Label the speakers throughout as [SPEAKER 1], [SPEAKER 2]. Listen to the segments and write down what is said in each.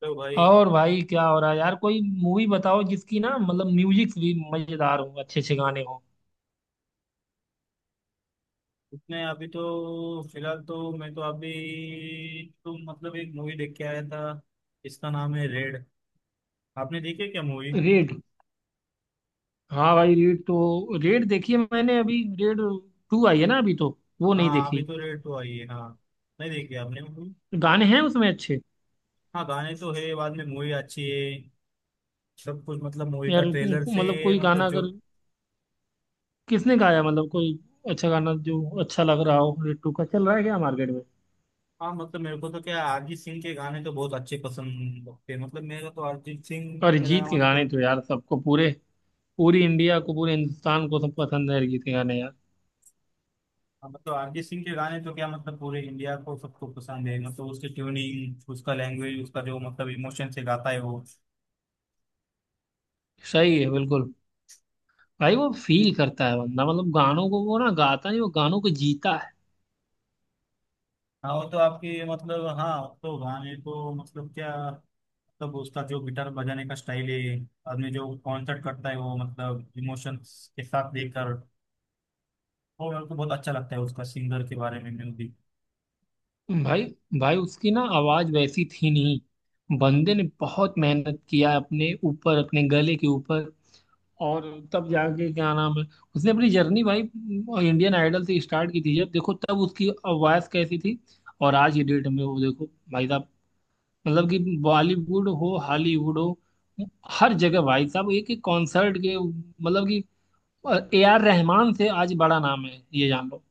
[SPEAKER 1] तो भाई
[SPEAKER 2] और भाई क्या हो रहा है यार? कोई मूवी बताओ जिसकी ना मतलब म्यूजिक भी मजेदार हो, अच्छे अच्छे गाने हो।
[SPEAKER 1] उसने अभी तो फिलहाल तो मैं तो अभी तो मतलब एक मूवी देख के आया था। इसका नाम है रेड। आपने देखी है क्या मूवी?
[SPEAKER 2] रेड? हाँ भाई रेड तो रेड देखी है मैंने, अभी रेड टू आई है ना अभी तो, वो नहीं
[SPEAKER 1] हाँ अभी
[SPEAKER 2] देखी।
[SPEAKER 1] तो रेड तो आई है, हाँ। नहीं देखी आपने मूवी?
[SPEAKER 2] गाने हैं उसमें अच्छे?
[SPEAKER 1] हाँ, गाने तो है, बाद में मूवी अच्छी है। सब कुछ मतलब मूवी का
[SPEAKER 2] यार
[SPEAKER 1] ट्रेलर से।
[SPEAKER 2] मतलब कोई
[SPEAKER 1] मतलब
[SPEAKER 2] गाना
[SPEAKER 1] जो।
[SPEAKER 2] अगर, किसने गाया मतलब कोई अच्छा गाना जो अच्छा लग रहा हो? रेड टू का चल रहा है क्या मार्केट में?
[SPEAKER 1] हाँ मतलब मेरे को तो क्या अरिजीत सिंह के गाने तो बहुत अच्छे पसंद लगते हैं, मतलब मेरा तो अरिजीत सिंह मेरा
[SPEAKER 2] अरिजीत के गाने
[SPEAKER 1] मतलब।
[SPEAKER 2] तो यार सबको, पूरे पूरी इंडिया को, पूरे हिंदुस्तान को सब पसंद है अरिजीत के गाने यार।
[SPEAKER 1] हाँ, तो अरिजीत सिंह के गाने तो क्या मतलब पूरे इंडिया को सबको पसंद है, मतलब उसकी ट्यूनिंग उसका लैंग्वेज उसका जो मतलब इमोशन से गाता है वो।
[SPEAKER 2] सही है बिल्कुल। भाई वो फील करता है बंदा, मतलब गानों को, वो ना गाता नहीं, वो गानों को जीता है।
[SPEAKER 1] हाँ वो तो आपकी मतलब हाँ तो गाने को मतलब क्या मतलब उसका जो गिटार बजाने का स्टाइल है। आदमी जो कॉन्सर्ट करता है वो मतलब इमोशंस के साथ देकर। वो मेरे को बहुत अच्छा लगता है उसका सिंगर के बारे में म्यूजिक।
[SPEAKER 2] भाई भाई उसकी ना आवाज वैसी थी नहीं, बंदे ने बहुत मेहनत किया अपने ऊपर, अपने गले के ऊपर, और तब जाके क्या नाम है, उसने अपनी जर्नी भाई इंडियन आइडल से स्टार्ट की थी। जब देखो तब उसकी आवाज कैसी थी और आज की डेट में वो देखो भाई साहब, मतलब कि बॉलीवुड हो हॉलीवुड हो, हर जगह भाई साहब, एक एक कॉन्सर्ट के मतलब कि ए आर रहमान से आज बड़ा नाम है, ये जान लो।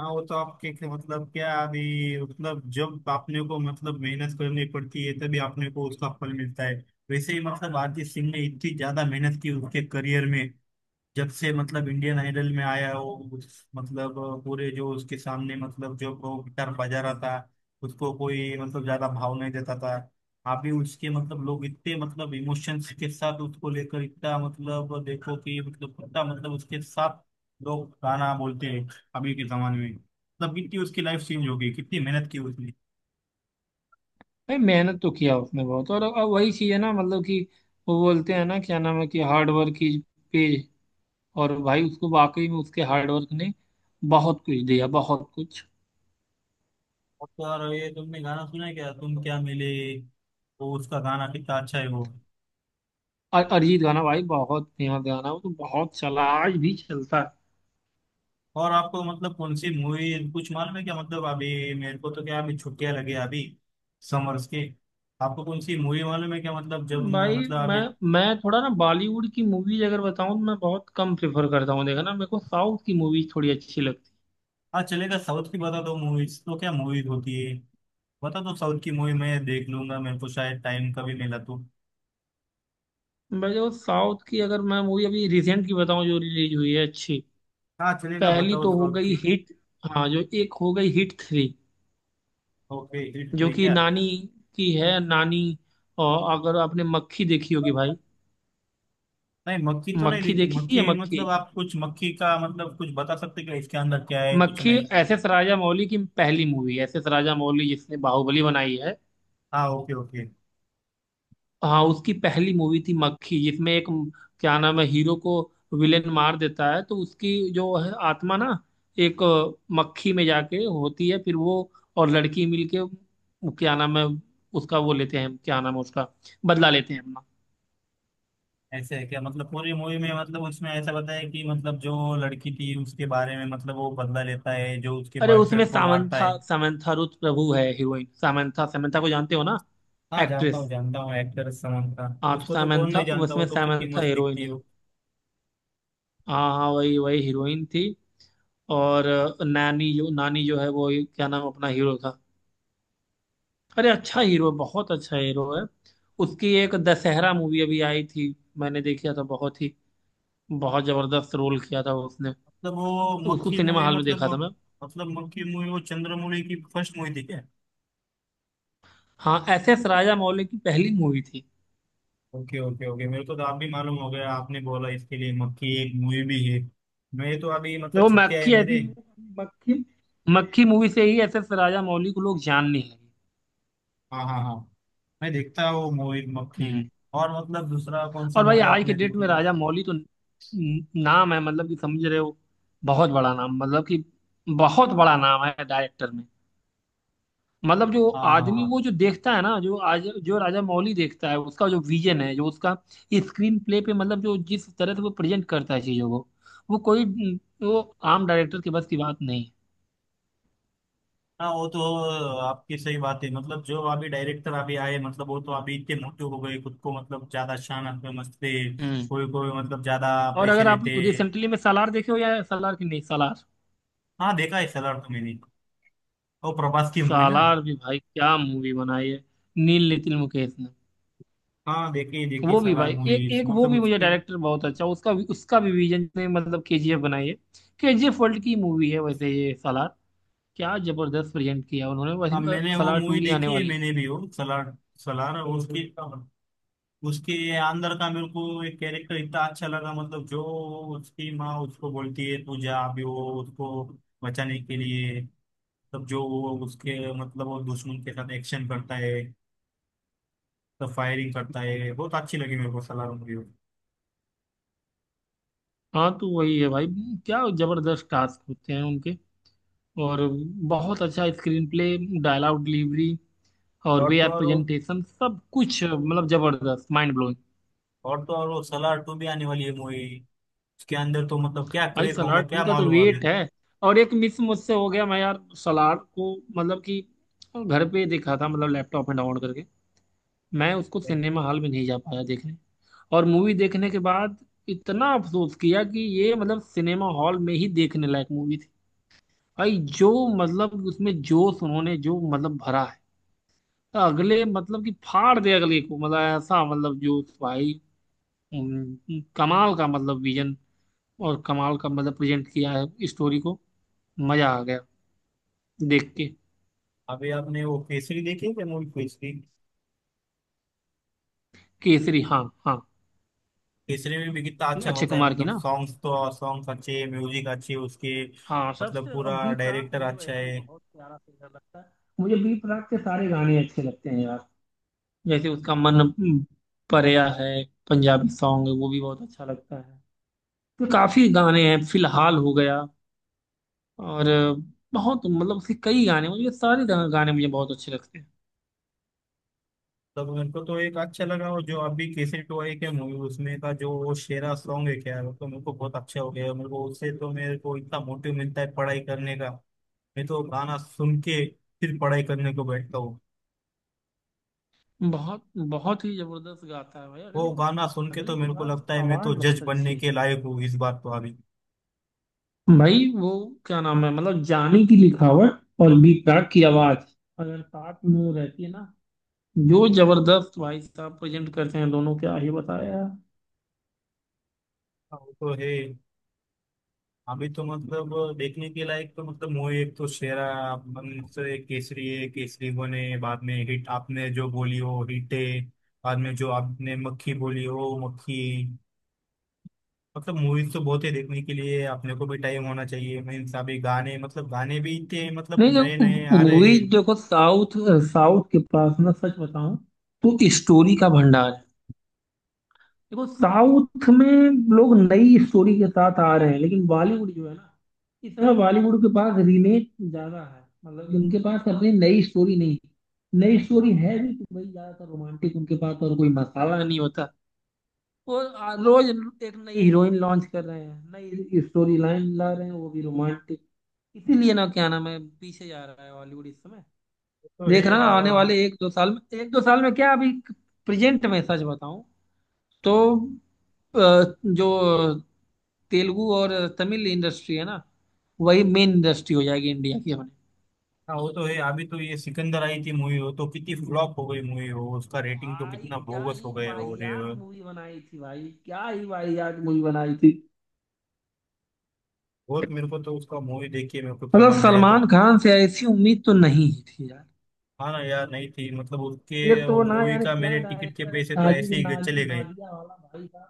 [SPEAKER 1] हाँ वो तो आपके मतलब क्या अभी। मतलब जब आपने को मतलब मेहनत करनी पड़ती है तभी आपने को उसका फल मिलता है। वैसे ही मतलब आरती सिंह ने इतनी ज्यादा मेहनत की उसके करियर में। जब से मतलब इंडियन आइडल में आया हो। उस मतलब। पूरे जो उसके सामने मतलब जो वो गिटार बजा रहा था। उसको कोई मतलब ज्यादा भाव नहीं देता था। अभी उसके मतलब लोग इतने मतलब इमोशंस के साथ उसको लेकर इतना मतलब देखो कि मतलब कितना मतलब उसके साथ लोग गाना बोलते हैं। अभी के जमाने में मतलब कितनी उसकी लाइफ चेंज हो गई, कितनी मेहनत की उसने।
[SPEAKER 2] भाई मेहनत तो किया उसने बहुत, और अब वही चीज है ना मतलब कि, वो बोलते हैं ना क्या नाम है कि हार्ड वर्क इज पे। और भाई उसको वाकई में उसके हार्ड वर्क ने बहुत कुछ दिया, बहुत कुछ।
[SPEAKER 1] और तो और ये तुमने गाना सुना है क्या तुम क्या मिले। वो उसका गाना कितना अच्छा है वो।
[SPEAKER 2] और अरिजीत गाना भाई बहुत फेमस गाना है, वो तो बहुत चला, आज भी चलता
[SPEAKER 1] और आपको मतलब कौन सी मूवी कुछ मालूम है क्या, मतलब अभी मेरे को तो क्या अभी छुट्टियां लगी हैं अभी समर्स की। आपको कौन सी मूवी मालूम है क्या मतलब जब
[SPEAKER 2] है
[SPEAKER 1] मैं
[SPEAKER 2] भाई।
[SPEAKER 1] मतलब
[SPEAKER 2] मैं
[SPEAKER 1] अभी।
[SPEAKER 2] मैं थोड़ा ना बॉलीवुड की मूवीज अगर बताऊं तो मैं बहुत कम प्रेफर करता हूँ देखा ना, मेरे को साउथ की मूवीज थोड़ी अच्छी लगती
[SPEAKER 1] हाँ चलेगा, साउथ की बता दो, मूवीज तो क्या मूवीज होती है। बता दो साउथ की मूवी, मैं देख लूंगा मेरे को शायद टाइम कभी मिला तो।
[SPEAKER 2] है भाई। वो साउथ की अगर मैं मूवी अभी रिसेंट की बताऊं जो रिलीज हुई है अच्छी,
[SPEAKER 1] हाँ चलेगा
[SPEAKER 2] पहली
[SPEAKER 1] बताओ
[SPEAKER 2] तो हो
[SPEAKER 1] साउथ
[SPEAKER 2] गई
[SPEAKER 1] की।
[SPEAKER 2] हिट, हाँ जो एक हो गई हिट थ्री,
[SPEAKER 1] ओके, हिट
[SPEAKER 2] जो
[SPEAKER 1] थ्री
[SPEAKER 2] कि
[SPEAKER 1] क्या?
[SPEAKER 2] नानी की है, नानी। और अगर आपने मक्खी देखी होगी भाई,
[SPEAKER 1] नहीं मक्खी तो नहीं
[SPEAKER 2] मक्खी
[SPEAKER 1] देखी,
[SPEAKER 2] देखी है
[SPEAKER 1] मक्खी
[SPEAKER 2] मक्खी
[SPEAKER 1] मतलब आप कुछ मक्खी का मतलब कुछ बता सकते क्या इसके अंदर क्या है कुछ
[SPEAKER 2] मक्खी
[SPEAKER 1] नहीं।
[SPEAKER 2] एस एस राजामौली की पहली मूवी, एस एस राजामौली जिसने बाहुबली बनाई है।
[SPEAKER 1] हाँ ओके ओके।
[SPEAKER 2] हाँ उसकी पहली मूवी थी मक्खी, जिसमें एक क्या नाम है हीरो को विलेन मार देता है, तो उसकी जो है आत्मा ना एक मक्खी में जाके होती है, फिर वो और लड़की मिलके वो क्या नाम है उसका वो लेते हैं, क्या नाम है उसका, बदला लेते हैं अपना।
[SPEAKER 1] ऐसे है क्या मतलब पूरी मूवी में मतलब उसमें ऐसा बताया कि मतलब जो लड़की थी उसके बारे में मतलब वो बदला लेता है जो उसके
[SPEAKER 2] अरे उसमें
[SPEAKER 1] बॉयफ्रेंड को मारता
[SPEAKER 2] सामंथा,
[SPEAKER 1] है।
[SPEAKER 2] सामंथा रुथ प्रभु है हीरोइन, सामंथा, सामंथा को जानते हो ना?
[SPEAKER 1] हाँ जानता हूँ,
[SPEAKER 2] एक्ट्रेस,
[SPEAKER 1] जानता हूँ, एक्टर समंता।
[SPEAKER 2] हाँ तो
[SPEAKER 1] उसको तो कौन
[SPEAKER 2] सामंथा,
[SPEAKER 1] नहीं जानता, वो
[SPEAKER 2] उसमें
[SPEAKER 1] तो कितनी
[SPEAKER 2] सामंथा
[SPEAKER 1] मस्त दिखती
[SPEAKER 2] हीरोइन
[SPEAKER 1] है
[SPEAKER 2] है,
[SPEAKER 1] वो।
[SPEAKER 2] हाँ हाँ वही वही हीरोइन थी। और नानी, जो नानी जो है वो क्या नाम अपना हीरो था, अरे अच्छा हीरो है, बहुत अच्छा हीरो है। उसकी एक दशहरा मूवी अभी आई थी, मैंने देखा था, बहुत ही बहुत जबरदस्त रोल किया था उसने,
[SPEAKER 1] मतलब वो
[SPEAKER 2] उसको
[SPEAKER 1] मक्खी
[SPEAKER 2] सिनेमा
[SPEAKER 1] मूवी
[SPEAKER 2] हॉल में
[SPEAKER 1] मतलब।
[SPEAKER 2] देखा था मैं।
[SPEAKER 1] मतलब मक्खी मूवी वो चंद्रमुखी की फर्स्ट मूवी थी क्या?
[SPEAKER 2] हाँ एस एस राजा मौली की पहली मूवी थी,
[SPEAKER 1] ओके ओके ओके, मेरे को तो आप भी मालूम हो गया, आपने बोला इसके लिए मक्खी एक मूवी भी है। मैं तो अभी मतलब
[SPEAKER 2] वो
[SPEAKER 1] छुट्टियां है
[SPEAKER 2] मक्खी आई
[SPEAKER 1] मेरे।
[SPEAKER 2] थिंक, मक्खी, मक्खी मूवी से ही एस एस राजा मौली को लोग जानने लगे।
[SPEAKER 1] हाँ हाँ हाँ। मैं देखता हूँ मूवी मक्खी।
[SPEAKER 2] हम्म।
[SPEAKER 1] और मतलब दूसरा कौन सा
[SPEAKER 2] और भाई
[SPEAKER 1] मूवी
[SPEAKER 2] आज के
[SPEAKER 1] आपने
[SPEAKER 2] डेट
[SPEAKER 1] देखी
[SPEAKER 2] में
[SPEAKER 1] है?
[SPEAKER 2] राजा मौली तो नाम है मतलब कि, समझ रहे हो, बहुत बड़ा नाम मतलब कि बहुत बड़ा नाम है डायरेक्टर में। मतलब जो
[SPEAKER 1] हाँ हाँ
[SPEAKER 2] आदमी,
[SPEAKER 1] हाँ।
[SPEAKER 2] वो जो देखता है ना, जो आज जो राजा मौली देखता है, उसका जो विजन है, जो उसका स्क्रीन प्ले पे मतलब जो जिस तरह से वो प्रेजेंट करता है चीजों को, वो कोई वो आम डायरेक्टर के बस की बात नहीं है।
[SPEAKER 1] हाँ वो तो आपकी सही बात है, मतलब जो अभी डायरेक्टर अभी आए मतलब वो तो अभी इतने मोटे हो गए खुद को, मतलब ज्यादा शान आप समझते।
[SPEAKER 2] हम्म।
[SPEAKER 1] कोई कोई मतलब ज्यादा
[SPEAKER 2] और
[SPEAKER 1] पैसे
[SPEAKER 2] अगर आप
[SPEAKER 1] लेते।
[SPEAKER 2] रिसेंटली में सालार देखे हो, या सालार की नहीं सालार,
[SPEAKER 1] हाँ देखा है सलार तो मैंने, वो प्रभास की मूवी ना।
[SPEAKER 2] सालार भी भाई क्या मूवी बनाई है नील नितिन मुकेश ने।
[SPEAKER 1] हाँ देखी देखी
[SPEAKER 2] वो भी
[SPEAKER 1] सलार
[SPEAKER 2] भाई एक
[SPEAKER 1] मूवी,
[SPEAKER 2] एक वो
[SPEAKER 1] मतलब
[SPEAKER 2] भी मुझे
[SPEAKER 1] उसकी।
[SPEAKER 2] डायरेक्टर बहुत अच्छा, उसका भी, उसका भी विजन ने मतलब केजीएफ बनाई है, केजीएफ वर्ल्ड की मूवी है वैसे, ये सालार क्या जबरदस्त प्रेजेंट किया उन्होंने।
[SPEAKER 1] हाँ
[SPEAKER 2] वैसे
[SPEAKER 1] मैंने वो
[SPEAKER 2] सलार टू
[SPEAKER 1] मूवी
[SPEAKER 2] भी आने
[SPEAKER 1] देखी है
[SPEAKER 2] वाली है।
[SPEAKER 1] मैंने भी वो सलार। सलार उसकी। उसके अंदर का मेरे को एक कैरेक्टर इतना अच्छा लगा, मतलब जो उसकी माँ उसको बोलती है तू जा अभी, वो उसको बचाने के लिए तब जो वो उसके मतलब वो दुश्मन के साथ एक्शन करता है, तब फायरिंग करता है, बहुत अच्छी लगी मेरे को सलार मूवी।
[SPEAKER 2] हाँ तो वही है भाई, क्या जबरदस्त टास्क होते हैं उनके, और बहुत अच्छा स्क्रीन प्ले, डायलॉग डिलीवरी, और
[SPEAKER 1] और
[SPEAKER 2] वे
[SPEAKER 1] तो
[SPEAKER 2] आर
[SPEAKER 1] और वो-
[SPEAKER 2] प्रेजेंटेशन, सब कुछ मतलब जबरदस्त माइंड ब्लोइंग।
[SPEAKER 1] और तो और वो सलार टू भी आने वाली है मूवी, उसके अंदर तो मतलब क्या
[SPEAKER 2] भाई
[SPEAKER 1] क्रेज होगा
[SPEAKER 2] सलार टू
[SPEAKER 1] क्या
[SPEAKER 2] का तो
[SPEAKER 1] मालूम अभी।
[SPEAKER 2] वेट है। और एक मिस मुझसे हो गया, मैं यार सलार को मतलब कि घर पे देखा था, मतलब लैपटॉप में डाउनलोड करके, मैं उसको सिनेमा हॉल में नहीं जा पाया देखने, और मूवी देखने के बाद इतना अफसोस किया कि ये मतलब सिनेमा हॉल में ही देखने लायक मूवी थी भाई। जो मतलब उसमें जोश उन्होंने जो मतलब भरा है, तो अगले मतलब कि फाड़ दे अगले को, मतलब ऐसा मतलब जोश भाई। कमाल का मतलब विजन, और कमाल का मतलब प्रेजेंट किया है स्टोरी को, मजा आ गया देख के।
[SPEAKER 1] अभी आपने वो केसरी देखी है मूवी केसरी?
[SPEAKER 2] केसरी? हाँ हाँ,
[SPEAKER 1] केसरी में भी कितना अच्छा
[SPEAKER 2] अक्षय
[SPEAKER 1] होता है
[SPEAKER 2] कुमार की
[SPEAKER 1] मतलब
[SPEAKER 2] ना।
[SPEAKER 1] सॉन्ग्स तो और सॉन्ग्स अच्छे म्यूजिक अच्छे उसके।
[SPEAKER 2] हाँ
[SPEAKER 1] मतलब
[SPEAKER 2] सबसे, और
[SPEAKER 1] पूरा
[SPEAKER 2] बी प्राक
[SPEAKER 1] डायरेक्टर
[SPEAKER 2] मुझे
[SPEAKER 1] अच्छा
[SPEAKER 2] वैसे भी
[SPEAKER 1] है।
[SPEAKER 2] बहुत प्यारा सिंगर लगता है, मुझे बी प्राक के सारे गाने अच्छे लगते हैं यार। जैसे उसका मन परेया है, पंजाबी सॉन्ग है, वो भी बहुत अच्छा लगता है। तो काफी गाने हैं, फिलहाल हो गया। और बहुत मतलब उसके कई गाने, मुझे सारे गाने मुझे बहुत अच्छे लगते
[SPEAKER 1] मतलब मेरे को तो एक अच्छा लगा, वो जो अभी केसरी टू आई के मूवी उसमें का जो वो शेरा सॉन्ग है क्या, वो तो मेरे को बहुत अच्छा हो गया, मेरे को उससे तो मेरे को इतना मोटिव मिलता है पढ़ाई करने का। मैं तो गाना सुन के फिर पढ़ाई करने को बैठता हूँ।
[SPEAKER 2] हैं। बहुत बहुत ही जबरदस्त गाता है भाई,
[SPEAKER 1] वो
[SPEAKER 2] अगले के
[SPEAKER 1] गाना सुन के
[SPEAKER 2] अगले
[SPEAKER 1] तो
[SPEAKER 2] के
[SPEAKER 1] मेरे को
[SPEAKER 2] पास
[SPEAKER 1] लगता है मैं
[SPEAKER 2] आवाज
[SPEAKER 1] तो जज
[SPEAKER 2] बहुत
[SPEAKER 1] बनने
[SPEAKER 2] अच्छी है
[SPEAKER 1] के लायक हूँ इस बात, तो अभी।
[SPEAKER 2] भाई। वो क्या नाम है मतलब, जानी की लिखावट और बी प्राक की आवाज अगर साथ में वो रहती है ना, जो जबरदस्त भाई साहब प्रेजेंट करते हैं दोनों, क्या ही बताया यार।
[SPEAKER 1] हाँ, वो तो है। अभी तो मतलब देखने के लायक तो मतलब मूवी एक तो शेरा अपन से केसरी है, केसरी बने बाद में हिट आपने जो बोली हो हिट है, बाद में जो आपने मक्खी बोली हो मक्खी। मतलब मूवीज तो बहुत है देखने के लिए, अपने को भी टाइम होना चाहिए, मीन्स अभी गाने मतलब गाने भी इतने मतलब
[SPEAKER 2] नहीं
[SPEAKER 1] नए नए
[SPEAKER 2] देखो
[SPEAKER 1] आ रहे
[SPEAKER 2] मूवी
[SPEAKER 1] हैं वो
[SPEAKER 2] देखो साउथ, साउथ के पास ना सच बताऊं तो स्टोरी का भंडार है। देखो साउथ में लोग नई स्टोरी के साथ आ रहे हैं, लेकिन बॉलीवुड जो है ना, इस समय बॉलीवुड के पास रीमेक ज्यादा है, मतलब कि उनके पास अपनी नई स्टोरी नहीं। नई स्टोरी है भी तो भाई ज्यादातर रोमांटिक उनके पास, और कोई मसाला नहीं होता। वो रोज एक नई हीरोइन लॉन्च कर रहे हैं, नई स्टोरी लाइन ला रहे हैं, वो भी रोमांटिक। इसीलिए ना क्या नाम है पीछे जा रहा है हॉलीवुड इस समय।
[SPEAKER 1] तो
[SPEAKER 2] देख
[SPEAKER 1] है।
[SPEAKER 2] रहा ना
[SPEAKER 1] और
[SPEAKER 2] आने वाले एक दो साल में, एक दो साल में क्या, अभी प्रेजेंट में सच बताऊं तो, अ, जो तेलुगु और तमिल इंडस्ट्री है ना, वही मेन इंडस्ट्री हो जाएगी इंडिया की अपने।
[SPEAKER 1] वो तो है। अभी तो ये सिकंदर आई थी मूवी हो, तो कितनी फ्लॉप हो गई मूवी हो, उसका रेटिंग तो
[SPEAKER 2] भाई
[SPEAKER 1] कितना
[SPEAKER 2] क्या
[SPEAKER 1] बोगस
[SPEAKER 2] ही
[SPEAKER 1] हो गए हो
[SPEAKER 2] वाहियात मूवी बनाई थी, भाई क्या ही वाहियात मूवी बनाई थी।
[SPEAKER 1] बहुत मेरे को तो उसका मूवी देख के मेरे को तो
[SPEAKER 2] मतलब
[SPEAKER 1] लगा मेरे तो।
[SPEAKER 2] सलमान खान से ऐसी उम्मीद तो नहीं ही थी यार।
[SPEAKER 1] हाँ ना यार नहीं थी, मतलब उसके
[SPEAKER 2] एक तो
[SPEAKER 1] वो
[SPEAKER 2] वो ना
[SPEAKER 1] मूवी
[SPEAKER 2] यार
[SPEAKER 1] का
[SPEAKER 2] क्या
[SPEAKER 1] मेरे टिकट के
[SPEAKER 2] डायरेक्टर
[SPEAKER 1] पैसे तो
[SPEAKER 2] साजिद
[SPEAKER 1] ऐसे ही
[SPEAKER 2] ना,
[SPEAKER 1] चले गए।
[SPEAKER 2] नादिया वाला भाई साहब,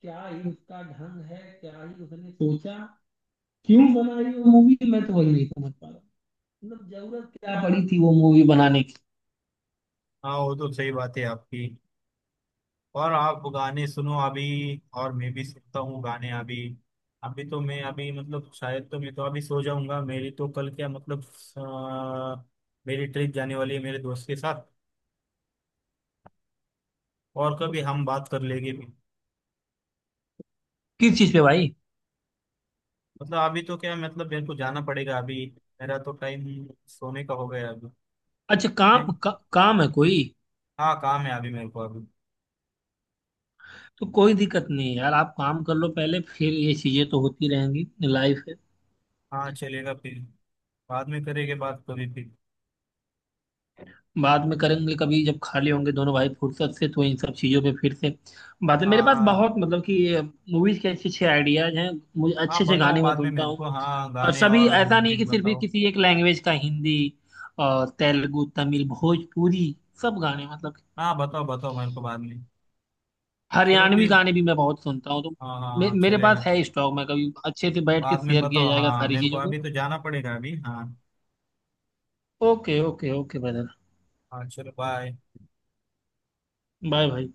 [SPEAKER 2] क्या ही उसका ढंग है, क्या ही उसने सोचा, क्यों बनाई वो मूवी, मैं तो वही नहीं समझ पा रहा हूँ। मतलब जरूरत क्या पड़ी थी वो मूवी बनाने की।
[SPEAKER 1] हाँ वो तो सही बात है आपकी। और आप गाने सुनो अभी, और मैं भी सुनता हूँ गाने अभी। अभी तो मैं अभी मतलब शायद तो मैं तो अभी सो जाऊंगा, मेरी तो कल क्या मतलब। अ, मेरी ट्रिप जाने वाली है मेरे दोस्त के साथ, और कभी हम बात कर लेंगे भी।
[SPEAKER 2] किस चीज पे भाई?
[SPEAKER 1] मतलब अभी तो क्या मतलब मेरे को जाना पड़ेगा अभी, मेरा तो टाइम सोने का हो गया अभी।
[SPEAKER 2] अच्छा काम
[SPEAKER 1] हैं?
[SPEAKER 2] का, काम है कोई?
[SPEAKER 1] हाँ काम है अभी मेरे को अभी।
[SPEAKER 2] तो कोई दिक्कत नहीं है यार, आप काम कर लो पहले, फिर ये चीजें तो होती रहेंगी, लाइफ है।
[SPEAKER 1] हाँ चलेगा फिर, बाद में करेंगे बात कभी फिर।
[SPEAKER 2] बाद में करेंगे कभी जब खाली होंगे दोनों भाई फुर्सत से, तो इन सब चीजों पे फिर से बातें, मेरे पास
[SPEAKER 1] हाँ।
[SPEAKER 2] बहुत मतलब कि मूवीज के अच्छे अच्छे आइडियाज हैं, मुझे
[SPEAKER 1] हाँ
[SPEAKER 2] अच्छे अच्छे
[SPEAKER 1] बताओ
[SPEAKER 2] गाने मैं
[SPEAKER 1] बाद में
[SPEAKER 2] सुनता
[SPEAKER 1] मेरे
[SPEAKER 2] हूँ।
[SPEAKER 1] को, हाँ
[SPEAKER 2] और
[SPEAKER 1] गाने
[SPEAKER 2] सभी
[SPEAKER 1] और
[SPEAKER 2] ऐसा नहीं है
[SPEAKER 1] म्यूजिक
[SPEAKER 2] कि सिर्फ ही
[SPEAKER 1] बताओ।
[SPEAKER 2] किसी एक लैंग्वेज का, हिंदी और तेलुगु, तमिल, भोजपुरी, सब गाने मतलब,
[SPEAKER 1] हाँ बताओ बताओ मेरे को बाद में। चलो
[SPEAKER 2] हरियाणवी
[SPEAKER 1] फिर।
[SPEAKER 2] गाने भी मैं बहुत सुनता हूँ। तो
[SPEAKER 1] हाँ हाँ हाँ,
[SPEAKER 2] मेरे
[SPEAKER 1] चलेगा।
[SPEAKER 2] पास है स्टॉक, मैं कभी अच्छे से बैठ के
[SPEAKER 1] बाद में
[SPEAKER 2] शेयर किया
[SPEAKER 1] बताओ
[SPEAKER 2] जाएगा
[SPEAKER 1] हाँ
[SPEAKER 2] सारी
[SPEAKER 1] मेरे को,
[SPEAKER 2] चीजों को।
[SPEAKER 1] अभी तो जाना पड़ेगा अभी हाँ।
[SPEAKER 2] ओके ओके ओके ब्रदर,
[SPEAKER 1] हाँ चलो बाय।
[SPEAKER 2] बाय भाई।